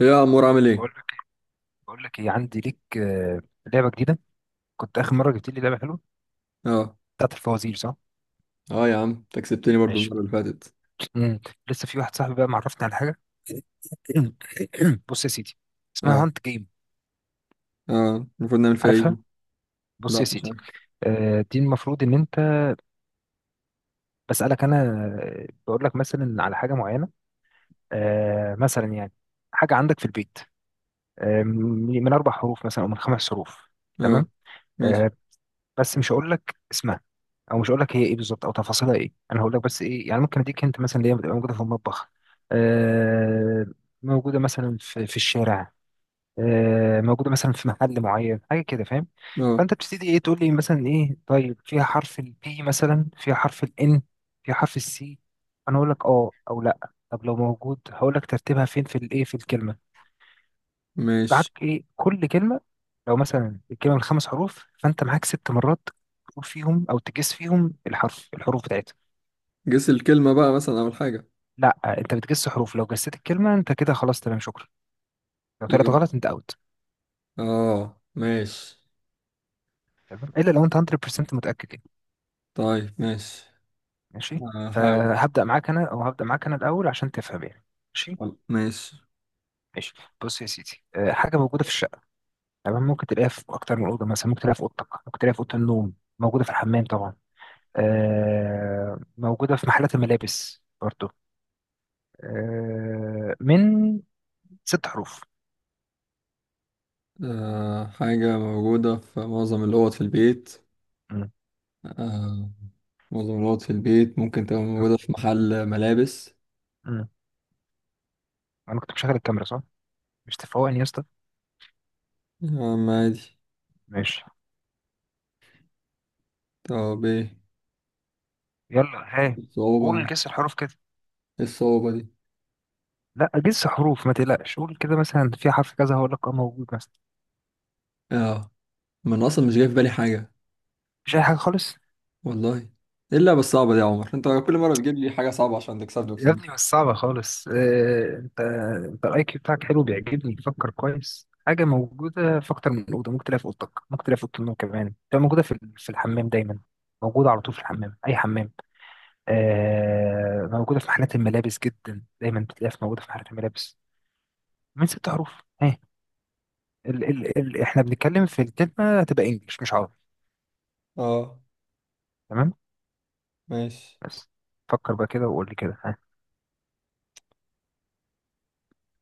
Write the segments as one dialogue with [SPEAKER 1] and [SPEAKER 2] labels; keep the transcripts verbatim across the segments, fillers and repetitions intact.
[SPEAKER 1] إيه يا عمور، عامل ايه؟
[SPEAKER 2] بقول لك بقول لك ايه عندي ليك آه، لعبه جديده. كنت اخر مره جبت لي لعبه حلوه
[SPEAKER 1] اه.
[SPEAKER 2] بتاعت الفوازير، صح؟
[SPEAKER 1] اه يا عم، انت كسبتني برضو
[SPEAKER 2] ماشي.
[SPEAKER 1] المرة اللي فاتت.
[SPEAKER 2] مم. لسه في واحد صاحبي بقى معرفني على حاجه. بص يا سيدي، اسمها
[SPEAKER 1] اه.
[SPEAKER 2] هانت جيم.
[SPEAKER 1] اه، المفروض نعمل فيها ايه؟
[SPEAKER 2] عارفها؟
[SPEAKER 1] دي؟
[SPEAKER 2] بص
[SPEAKER 1] لا،
[SPEAKER 2] يا
[SPEAKER 1] مش
[SPEAKER 2] سيدي،
[SPEAKER 1] عارف.
[SPEAKER 2] آه، دي المفروض ان انت، بسالك انا، آه، بقول لك مثلا على حاجه معينه. آه، مثلا يعني حاجه عندك في البيت، آه، من من اربع حروف مثلا او من خمس حروف.
[SPEAKER 1] اه.
[SPEAKER 2] تمام؟
[SPEAKER 1] ماشي.
[SPEAKER 2] آه، بس مش هقول لك اسمها، او مش هقول لك هي ايه بالظبط او تفاصيلها ايه. انا هقول لك بس ايه يعني ممكن اديك انت، مثلا اللي هي بتبقى موجوده في المطبخ، آه موجوده مثلا في, في الشارع، آه موجوده مثلا في محل معين، حاجه كده، فاهم؟
[SPEAKER 1] اه.
[SPEAKER 2] فانت بتبتدي ايه، تقول لي مثلا ايه، طيب فيها حرف البي مثلا، فيها حرف الان، فيها حرف السي. انا اقول لك اه او لا. طب لو موجود هقول لك ترتيبها فين في الايه، في الكلمه.
[SPEAKER 1] ماشي.
[SPEAKER 2] معاك ايه كل كلمه، لو مثلا الكلمه من خمس حروف فانت معاك ست مرات تقول فيهم او تجس فيهم الحرف، الحروف بتاعتها.
[SPEAKER 1] جس الكلمة بقى مثلا أول حاجة.
[SPEAKER 2] لا انت بتجس حروف، لو جسيت الكلمه انت كده خلاص، تمام، شكرا. لو طلعت
[SPEAKER 1] يبقى
[SPEAKER 2] غلط انت اوت.
[SPEAKER 1] اه. ماشي.
[SPEAKER 2] تمام الا لو انت مية في المية متاكد يعني.
[SPEAKER 1] طيب ماشي.
[SPEAKER 2] ماشي.
[SPEAKER 1] هحاول.
[SPEAKER 2] فهبدا معاك انا، او هبدا معاك انا الاول عشان تفهم يعني. ماشي.
[SPEAKER 1] ماشي.
[SPEAKER 2] ماشي. بص يا سيدي، أه، حاجه موجوده في الشقه، تمام؟ ممكن تلاقيها في اكتر من اوضه، مثلا ممكن تلاقيها في اوضتك، ممكن تلاقيها في اوضه النوم. موجوده في الحمام طبعا. أه، موجوده في محلات الملابس برضه. آه، من ست حروف.
[SPEAKER 1] آه، حاجة موجودة في معظم الأوض في البيت.
[SPEAKER 2] مم.
[SPEAKER 1] آه. معظم الأوض في البيت، ممكن تبقى موجودة في محل ملابس.
[SPEAKER 2] مم. انا كنت مشغل الكاميرا، صح؟ مش تفوقني يا اسطى.
[SPEAKER 1] يا عم عادي.
[SPEAKER 2] ماشي.
[SPEAKER 1] طب ايه
[SPEAKER 2] يلا هاي،
[SPEAKER 1] الصعوبة
[SPEAKER 2] قول
[SPEAKER 1] دي؟
[SPEAKER 2] جس الحروف كده.
[SPEAKER 1] ايه الصعوبة دي؟
[SPEAKER 2] لا جس حروف، ما تقلقش، قول كده مثلا في حرف كذا، هقول لك اه موجود مثلا.
[SPEAKER 1] اه. ما انا اصلا مش جاي في بالي حاجه.
[SPEAKER 2] مش اي حاجه خالص.
[SPEAKER 1] والله. ايه اللعبه الصعبه دي يا عمر؟ انت كل مره بتجيب لي حاجه صعبه عشان تكسبني،
[SPEAKER 2] يا
[SPEAKER 1] اقسم
[SPEAKER 2] ابني
[SPEAKER 1] بالله.
[SPEAKER 2] مش صعبه خالص. آه، انت، انت الاي كيو بتاعك حلو، بيعجبني، بتفكر كويس. حاجه موجوده في اكتر من اوضه، ممكن تلاقيها في اوضتك، ممكن تلاقيها في اوضه النوم كمان، تبقى موجوده في ال- في الحمام دايما. موجوده على طول في الحمام، اي حمام. آه، موجودة في محلات الملابس جدا، دايما بتلاقيها في- موجودة في محلات الملابس. من ست حروف. اهي. ال ال ال احنا بنتكلم في الكلمة هتبقى انجلش مش عربي.
[SPEAKER 1] اه.
[SPEAKER 2] تمام؟
[SPEAKER 1] ماشي.
[SPEAKER 2] بس فكر بقى كده وقول لي كده، ها.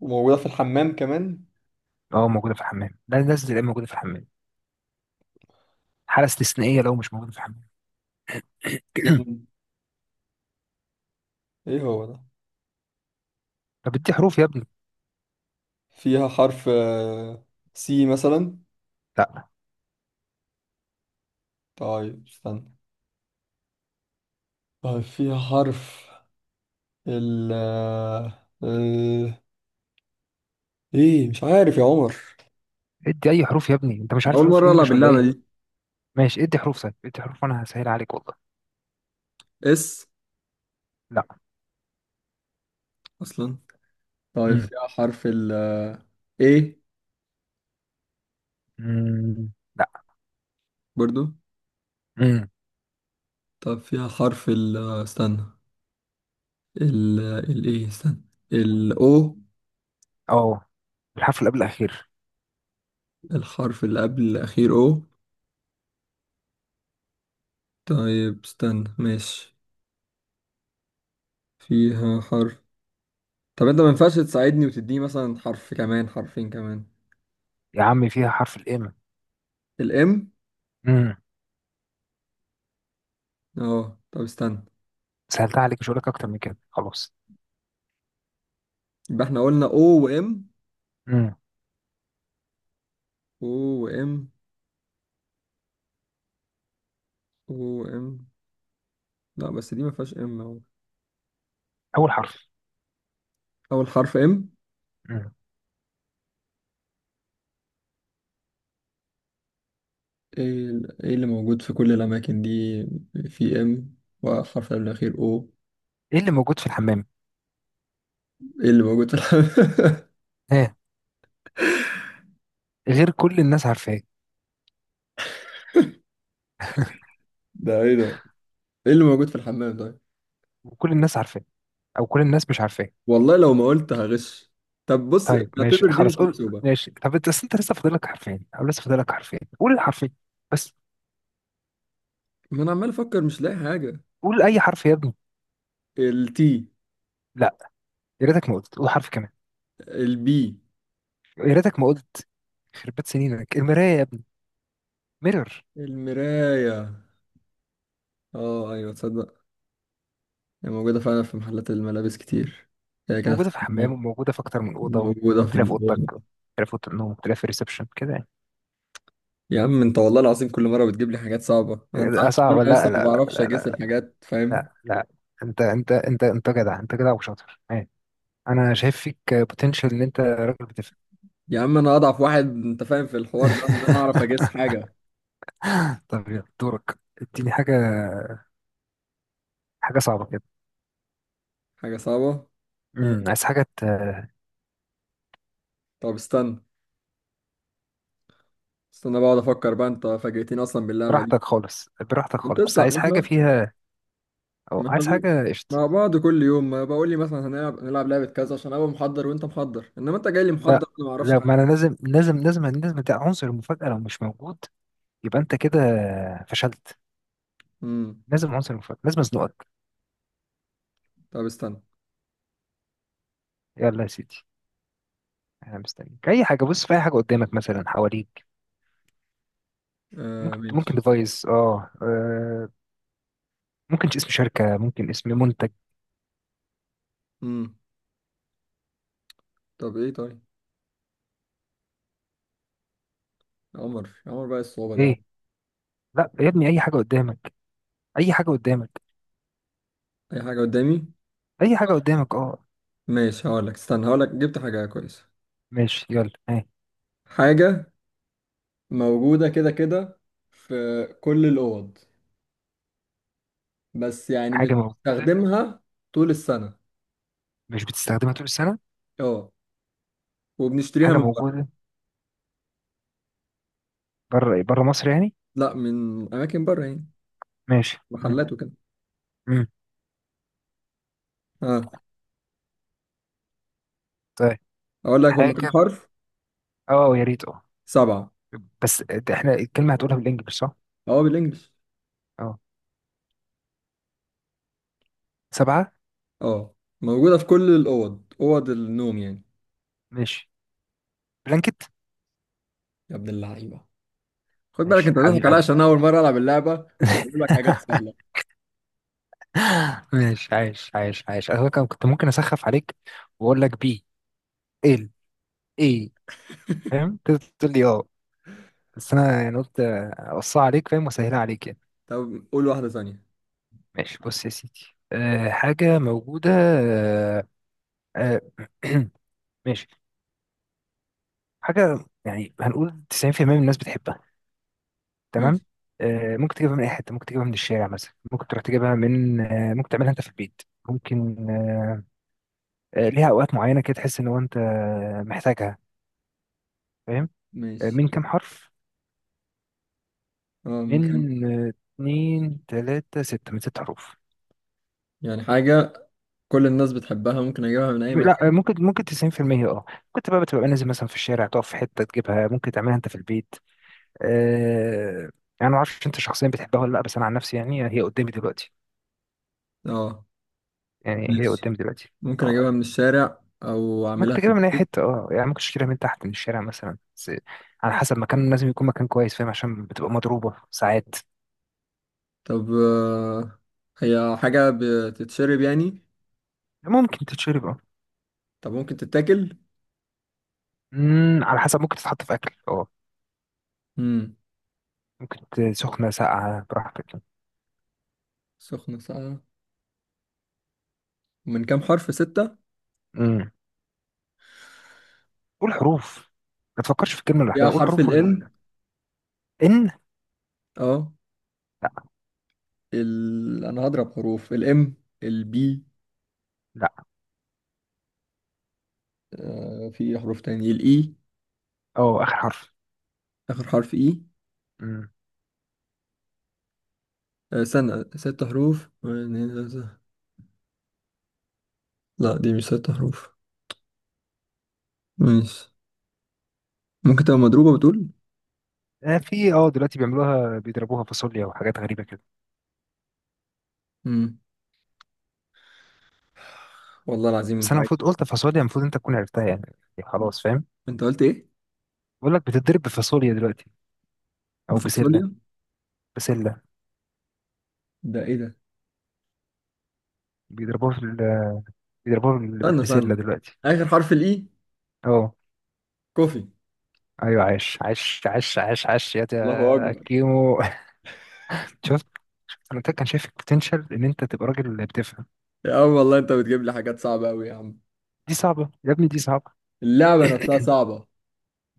[SPEAKER 1] وموجودة في الحمام كمان.
[SPEAKER 2] اه موجودة في الحمام، ده لازم تبقى موجودة في الحمام. حالة استثنائية لو مش موجودة في الحمام.
[SPEAKER 1] مم. ايه هو ده؟
[SPEAKER 2] طب ادي حروف يا ابني.
[SPEAKER 1] فيها حرف آه، سي مثلا.
[SPEAKER 2] لا،
[SPEAKER 1] طيب استنى. طيب فيها حرف ال آه، ال- ايه، مش عارف يا عمر.
[SPEAKER 2] ادي اي حروف يا ابني، انت مش
[SPEAKER 1] انا
[SPEAKER 2] عارف
[SPEAKER 1] اول
[SPEAKER 2] حروف
[SPEAKER 1] مره العب
[SPEAKER 2] الانجليش ولا
[SPEAKER 1] اللعبه
[SPEAKER 2] ايه؟
[SPEAKER 1] دي.
[SPEAKER 2] ماشي ادي حروف، طيب ادي حروف وانا هسهل عليك والله.
[SPEAKER 1] اس.
[SPEAKER 2] لا.
[SPEAKER 1] اصلا. طيب
[SPEAKER 2] امم
[SPEAKER 1] فيها حرف ال آه، A.
[SPEAKER 2] امم لا.
[SPEAKER 1] برضو.
[SPEAKER 2] امم
[SPEAKER 1] طب فيها حرف ال آه، استنى. ال ال ايه، استنى. ال O.
[SPEAKER 2] اه الحرف اللي قبل الاخير.
[SPEAKER 1] الحرف اللي قبل الأخير O. طيب استنى. ماشي. فيها حرف. طب انت ما ينفعش تساعدني وتديني مثلا حرف كمان، حرفين كمان؟
[SPEAKER 2] يا عم فيها حرف الام.
[SPEAKER 1] الام.
[SPEAKER 2] امم
[SPEAKER 1] اه طب استنى.
[SPEAKER 2] سهلتها عليك، مش هقول لك اكتر من كده خلاص.
[SPEAKER 1] يبقى احنا قلنا O وام.
[SPEAKER 2] امم
[SPEAKER 1] O وام. O وام. لا، بس دي ما فيهاش ام اهو.
[SPEAKER 2] اول حرف.
[SPEAKER 1] اول حرف ام؟
[SPEAKER 2] امم
[SPEAKER 1] ايه. ال- إيه اللي موجود في كل الاماكن دي؟ في ام وحرف قبل الأخير O.
[SPEAKER 2] ايه اللي موجود في الحمام؟
[SPEAKER 1] ايه اللي موجود في الحمام؟
[SPEAKER 2] ها. غير كل الناس عارفاه.
[SPEAKER 1] ده ايه ده؟ ايه اللي موجود في الحمام طيب؟
[SPEAKER 2] وكل الناس عارفاه، او كل الناس مش عارفاه.
[SPEAKER 1] والله لو ما قلت هغش. طب بص،
[SPEAKER 2] طيب ماشي
[SPEAKER 1] اعتبر دي
[SPEAKER 2] خلاص،
[SPEAKER 1] مش
[SPEAKER 2] قول
[SPEAKER 1] محسوبة.
[SPEAKER 2] ماشي. طب انت بس، انت لسه فاضل لك حرفين، او لسه فاضل لك حرفين، قول الحرفين بس.
[SPEAKER 1] ما انا عمال افكر، مش لاقي حاجة.
[SPEAKER 2] قول اي حرف يا ابني.
[SPEAKER 1] التي.
[SPEAKER 2] لا. يا ريتك ما قلت، قول حرف كمان.
[SPEAKER 1] البي.
[SPEAKER 2] يا ريتك ما قلت. خربت سنينك، المرايه يا ابني، ميرور.
[SPEAKER 1] المراية. اه ايوه، تصدق؟ هي موجودة فعلا في محلات الملابس كتير. هي كده في
[SPEAKER 2] وموجوده في الحمام،
[SPEAKER 1] الخناق،
[SPEAKER 2] وموجوده في اكتر من اوضه،
[SPEAKER 1] موجودة
[SPEAKER 2] ممكن
[SPEAKER 1] في
[SPEAKER 2] تلاقيها في اوضتك،
[SPEAKER 1] الأوض.
[SPEAKER 2] ممكن تلاقيها في اوضه النوم، ممكن تلاقيها في الريسبشن كده يعني.
[SPEAKER 1] يا عم انت والله العظيم كل مرة بتجيب لي حاجات صعبة، ما انت
[SPEAKER 2] آه،
[SPEAKER 1] عارف
[SPEAKER 2] صعب؟
[SPEAKER 1] ان انا لسه
[SPEAKER 2] لا، لا،
[SPEAKER 1] ما
[SPEAKER 2] لا،
[SPEAKER 1] بعرفش
[SPEAKER 2] لا،
[SPEAKER 1] اجس
[SPEAKER 2] لا.
[SPEAKER 1] الحاجات، فاهم؟
[SPEAKER 2] لا، لا، انت، انت انت انت جدع، انت جدع وشاطر. ايه؟ انا شايف فيك بوتنشال ان انت راجل بتفهم.
[SPEAKER 1] يا عم انا اضعف واحد انت فاهم في الحوار ده، ان انا اعرف اجس حاجة.
[SPEAKER 2] طب يلا دورك، اديني حاجه، حاجه صعبه كده.
[SPEAKER 1] حاجة صعبة. مم.
[SPEAKER 2] امم عايز حاجه ت-
[SPEAKER 1] طب استنى. استنى بقعد افكر بقى، انت فاجئتني اصلا باللعبة دي.
[SPEAKER 2] براحتك خالص، براحتك
[SPEAKER 1] انت
[SPEAKER 2] خالص، بس
[SPEAKER 1] اصلا
[SPEAKER 2] عايز
[SPEAKER 1] ما
[SPEAKER 2] حاجه
[SPEAKER 1] احنا
[SPEAKER 2] فيها، او
[SPEAKER 1] ما احنا
[SPEAKER 2] عايز
[SPEAKER 1] بن-
[SPEAKER 2] حاجه قشط.
[SPEAKER 1] مع بعض كل يوم، ما بقول لي مثلا هنلعب نلعب لعبة كذا عشان ابقى محضر وانت محضر، انما انت جاي لي محضر
[SPEAKER 2] لا،
[SPEAKER 1] انا ما اعرفش
[SPEAKER 2] لا
[SPEAKER 1] حاجة.
[SPEAKER 2] ما انا لازم، لازم لازم لازم ده عنصر المفاجاه. لو مش موجود يبقى انت كده فشلت.
[SPEAKER 1] امم.
[SPEAKER 2] لازم عنصر المفاجاه، لازم ازنقك.
[SPEAKER 1] طب استنى.
[SPEAKER 2] يلا يا سيدي، انا مستنيك. اي حاجه، بص في اي حاجه قدامك مثلا، حواليك.
[SPEAKER 1] آه
[SPEAKER 2] ممكن ممكن
[SPEAKER 1] ماشي، استنى.
[SPEAKER 2] ديفايس، اه، آه، ممكن اسم شركة، ممكن اسم منتج.
[SPEAKER 1] امم. طب ايه طيب. عمر عمر بقى الصعوبة ده يا عمر.
[SPEAKER 2] ايه؟ لا يا ابني، اي حاجة قدامك، اي حاجة قدامك،
[SPEAKER 1] اي حاجة قدامي.
[SPEAKER 2] اي حاجة قدامك اه.
[SPEAKER 1] ماشي، هقول لك. استنى، هقول لك جبت حاجة كويسة.
[SPEAKER 2] ماشي يلا، ها.
[SPEAKER 1] حاجة موجودة كده كده في كل الأوض، بس يعني مش
[SPEAKER 2] حاجة موجودة،
[SPEAKER 1] بنستخدمها طول السنة.
[SPEAKER 2] مش بتستخدمها طول السنة.
[SPEAKER 1] اه. وبنشتريها
[SPEAKER 2] حاجة
[SPEAKER 1] من بره.
[SPEAKER 2] موجودة بره، بره مصر يعني؟
[SPEAKER 1] لا، من أماكن بره يعني.
[SPEAKER 2] ماشي. مم.
[SPEAKER 1] محلات وكده.
[SPEAKER 2] مم.
[SPEAKER 1] آه.
[SPEAKER 2] طيب.
[SPEAKER 1] اقول لك هم كام
[SPEAKER 2] حاجة
[SPEAKER 1] حرف؟
[SPEAKER 2] اه، يا ريت اه.
[SPEAKER 1] سبعة.
[SPEAKER 2] بس ده احنا الكلمة هتقولها بالانجلش صح؟
[SPEAKER 1] اه بالانجلش.
[SPEAKER 2] اه، سبعة.
[SPEAKER 1] اه. موجودة في كل الاوض، اوض النوم يعني.
[SPEAKER 2] ماشي. بلانكت.
[SPEAKER 1] يا ابن اللعيبة. خد بالك،
[SPEAKER 2] ماشي
[SPEAKER 1] انت
[SPEAKER 2] حبيب
[SPEAKER 1] بتضحك عليا
[SPEAKER 2] قلبي.
[SPEAKER 1] عشان أنا اول مرة العب اللعبة واقول لك حاجات سهلة.
[SPEAKER 2] ماشي عايش، عايش عايش. انا كان- كنت ممكن اسخف عليك واقول لك بي، ال، ايه. فاهم؟ تقدر تقول لي اه، بس انا يعني قلت اوصيها عليك، فاهم، واسهلها عليك يعني.
[SPEAKER 1] طب قول واحدة ثانية.
[SPEAKER 2] ماشي بص يا سيدي، أه حاجه موجوده، أه أه ماشي. حاجه يعني هنقول تسعين في المية من الناس بتحبها. تمام؟
[SPEAKER 1] ماشي.
[SPEAKER 2] أه ممكن تجيبها من اي حته، ممكن تجيبها من الشارع مثلا، ممكن تروح تجيبها من أه ممكن تعملها انت في البيت. ممكن أه آه، ليها اوقات معينه كده تحس ان هو انت محتاجها، فاهم؟ آه،
[SPEAKER 1] ماشي.
[SPEAKER 2] من كام حرف؟
[SPEAKER 1] اه من كام.
[SPEAKER 2] من آه، اتنين تلاتة ستة، من ست حروف.
[SPEAKER 1] يعني حاجة كل الناس بتحبها، ممكن اجيبها من اي
[SPEAKER 2] م- لا
[SPEAKER 1] مكان.
[SPEAKER 2] آه، ممكن، ممكن تسعين في المية اه. كنت بقى بتبقى نازل مثلا في الشارع تقف في حتة تجيبها، ممكن تعملها انت في البيت. آه يعني ما اعرفش انت شخصيا بتحبها ولا لا، بس انا عن نفسي يعني هي قدامي دلوقتي،
[SPEAKER 1] اه.
[SPEAKER 2] يعني هي
[SPEAKER 1] ماشي،
[SPEAKER 2] قدامي دلوقتي.
[SPEAKER 1] ممكن
[SPEAKER 2] اه
[SPEAKER 1] اجيبها من الشارع او
[SPEAKER 2] ممكن
[SPEAKER 1] اعملها في
[SPEAKER 2] تجيبها من اي
[SPEAKER 1] البيت.
[SPEAKER 2] حتة اه، يعني ممكن تشتريها من تحت من الشارع مثلا بس على حسب مكان، لازم يكون مكان كويس فاهم، عشان بتبقى مضروبة ساعات.
[SPEAKER 1] طب آه، هي حاجة بتتشرب يعني؟
[SPEAKER 2] ممكن تتشرب اه.
[SPEAKER 1] طب ممكن تتاكل؟
[SPEAKER 2] مم، على حسب، ممكن تتحط في اكل اه.
[SPEAKER 1] امم.
[SPEAKER 2] ممكن ت- سخنة ساقعة براحتك.
[SPEAKER 1] سخنة ساقعة. من كام حرف؟ ستة.
[SPEAKER 2] امم قول حروف، ما تفكرش في الكلمة لوحدها،
[SPEAKER 1] يا
[SPEAKER 2] قول
[SPEAKER 1] حرف
[SPEAKER 2] حروف
[SPEAKER 1] ال
[SPEAKER 2] ال...
[SPEAKER 1] N.
[SPEAKER 2] ان.
[SPEAKER 1] اه.
[SPEAKER 2] لا.
[SPEAKER 1] ال... أنا هضرب حروف. ال M. ال B.
[SPEAKER 2] لا،
[SPEAKER 1] آه في حروف تاني؟ ال E.
[SPEAKER 2] اه اخر حرف.
[SPEAKER 1] آخر حرف E.
[SPEAKER 2] امم
[SPEAKER 1] آه سنة ست حروف، واحد، اتنين، تلاتة. لا دي مش ست حروف. ماشي. ممكن تبقى مضروبة بتقول.
[SPEAKER 2] آه في اه دلوقتي بيعملوها، بيضربوها فاصوليا وحاجات غريبة كده.
[SPEAKER 1] مم. والله العظيم
[SPEAKER 2] بس
[SPEAKER 1] أنت
[SPEAKER 2] انا
[SPEAKER 1] عايز.
[SPEAKER 2] المفروض قلت فاصوليا، المفروض انت تكون عرفتها يعني، إيه، خلاص فاهم.
[SPEAKER 1] أنت قلت إيه؟
[SPEAKER 2] بقول لك بتضرب بفاصوليا دلوقتي، او بسلة،
[SPEAKER 1] بفاصوليا؟
[SPEAKER 2] بسلة.
[SPEAKER 1] ده إيه ده؟
[SPEAKER 2] بيضربوها في ال... بيضربوها بال-
[SPEAKER 1] استنى
[SPEAKER 2] بالبسلة
[SPEAKER 1] استنى.
[SPEAKER 2] دلوقتي.
[SPEAKER 1] آخر حرف ال E.
[SPEAKER 2] اه،
[SPEAKER 1] كوفي.
[SPEAKER 2] ايوه، عاش عاش عاش عاش عاش يا
[SPEAKER 1] الله
[SPEAKER 2] تا-
[SPEAKER 1] أكبر.
[SPEAKER 2] كيمو. شفت؟ انا كان شايفك بوتنشال ان انت تبقى راجل بتفهم.
[SPEAKER 1] يا عم والله أنت بتجيب لي حاجات صعبة أوي يا عم.
[SPEAKER 2] دي صعبة يا ابني، دي صعبة.
[SPEAKER 1] اللعبة نفسها صعبة.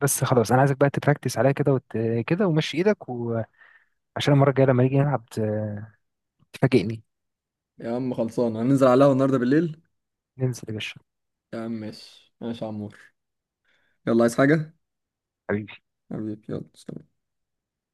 [SPEAKER 2] بس خلاص انا عايزك بقى تبراكتس عليا كده، وت... كده ومشي ايدك، وعشان المره الجايه لما نيجي نلعب ت- تفاجئني.
[SPEAKER 1] يا عم خلصانة، هننزل عليها النهاردة بالليل.
[SPEAKER 2] ننزل يا باشا.
[SPEAKER 1] يا عم ماشي ماشي يا عمور. يلا، عايز حاجة؟
[SPEAKER 2] حبيبي.
[SPEAKER 1] حبيبي، يلا سلام.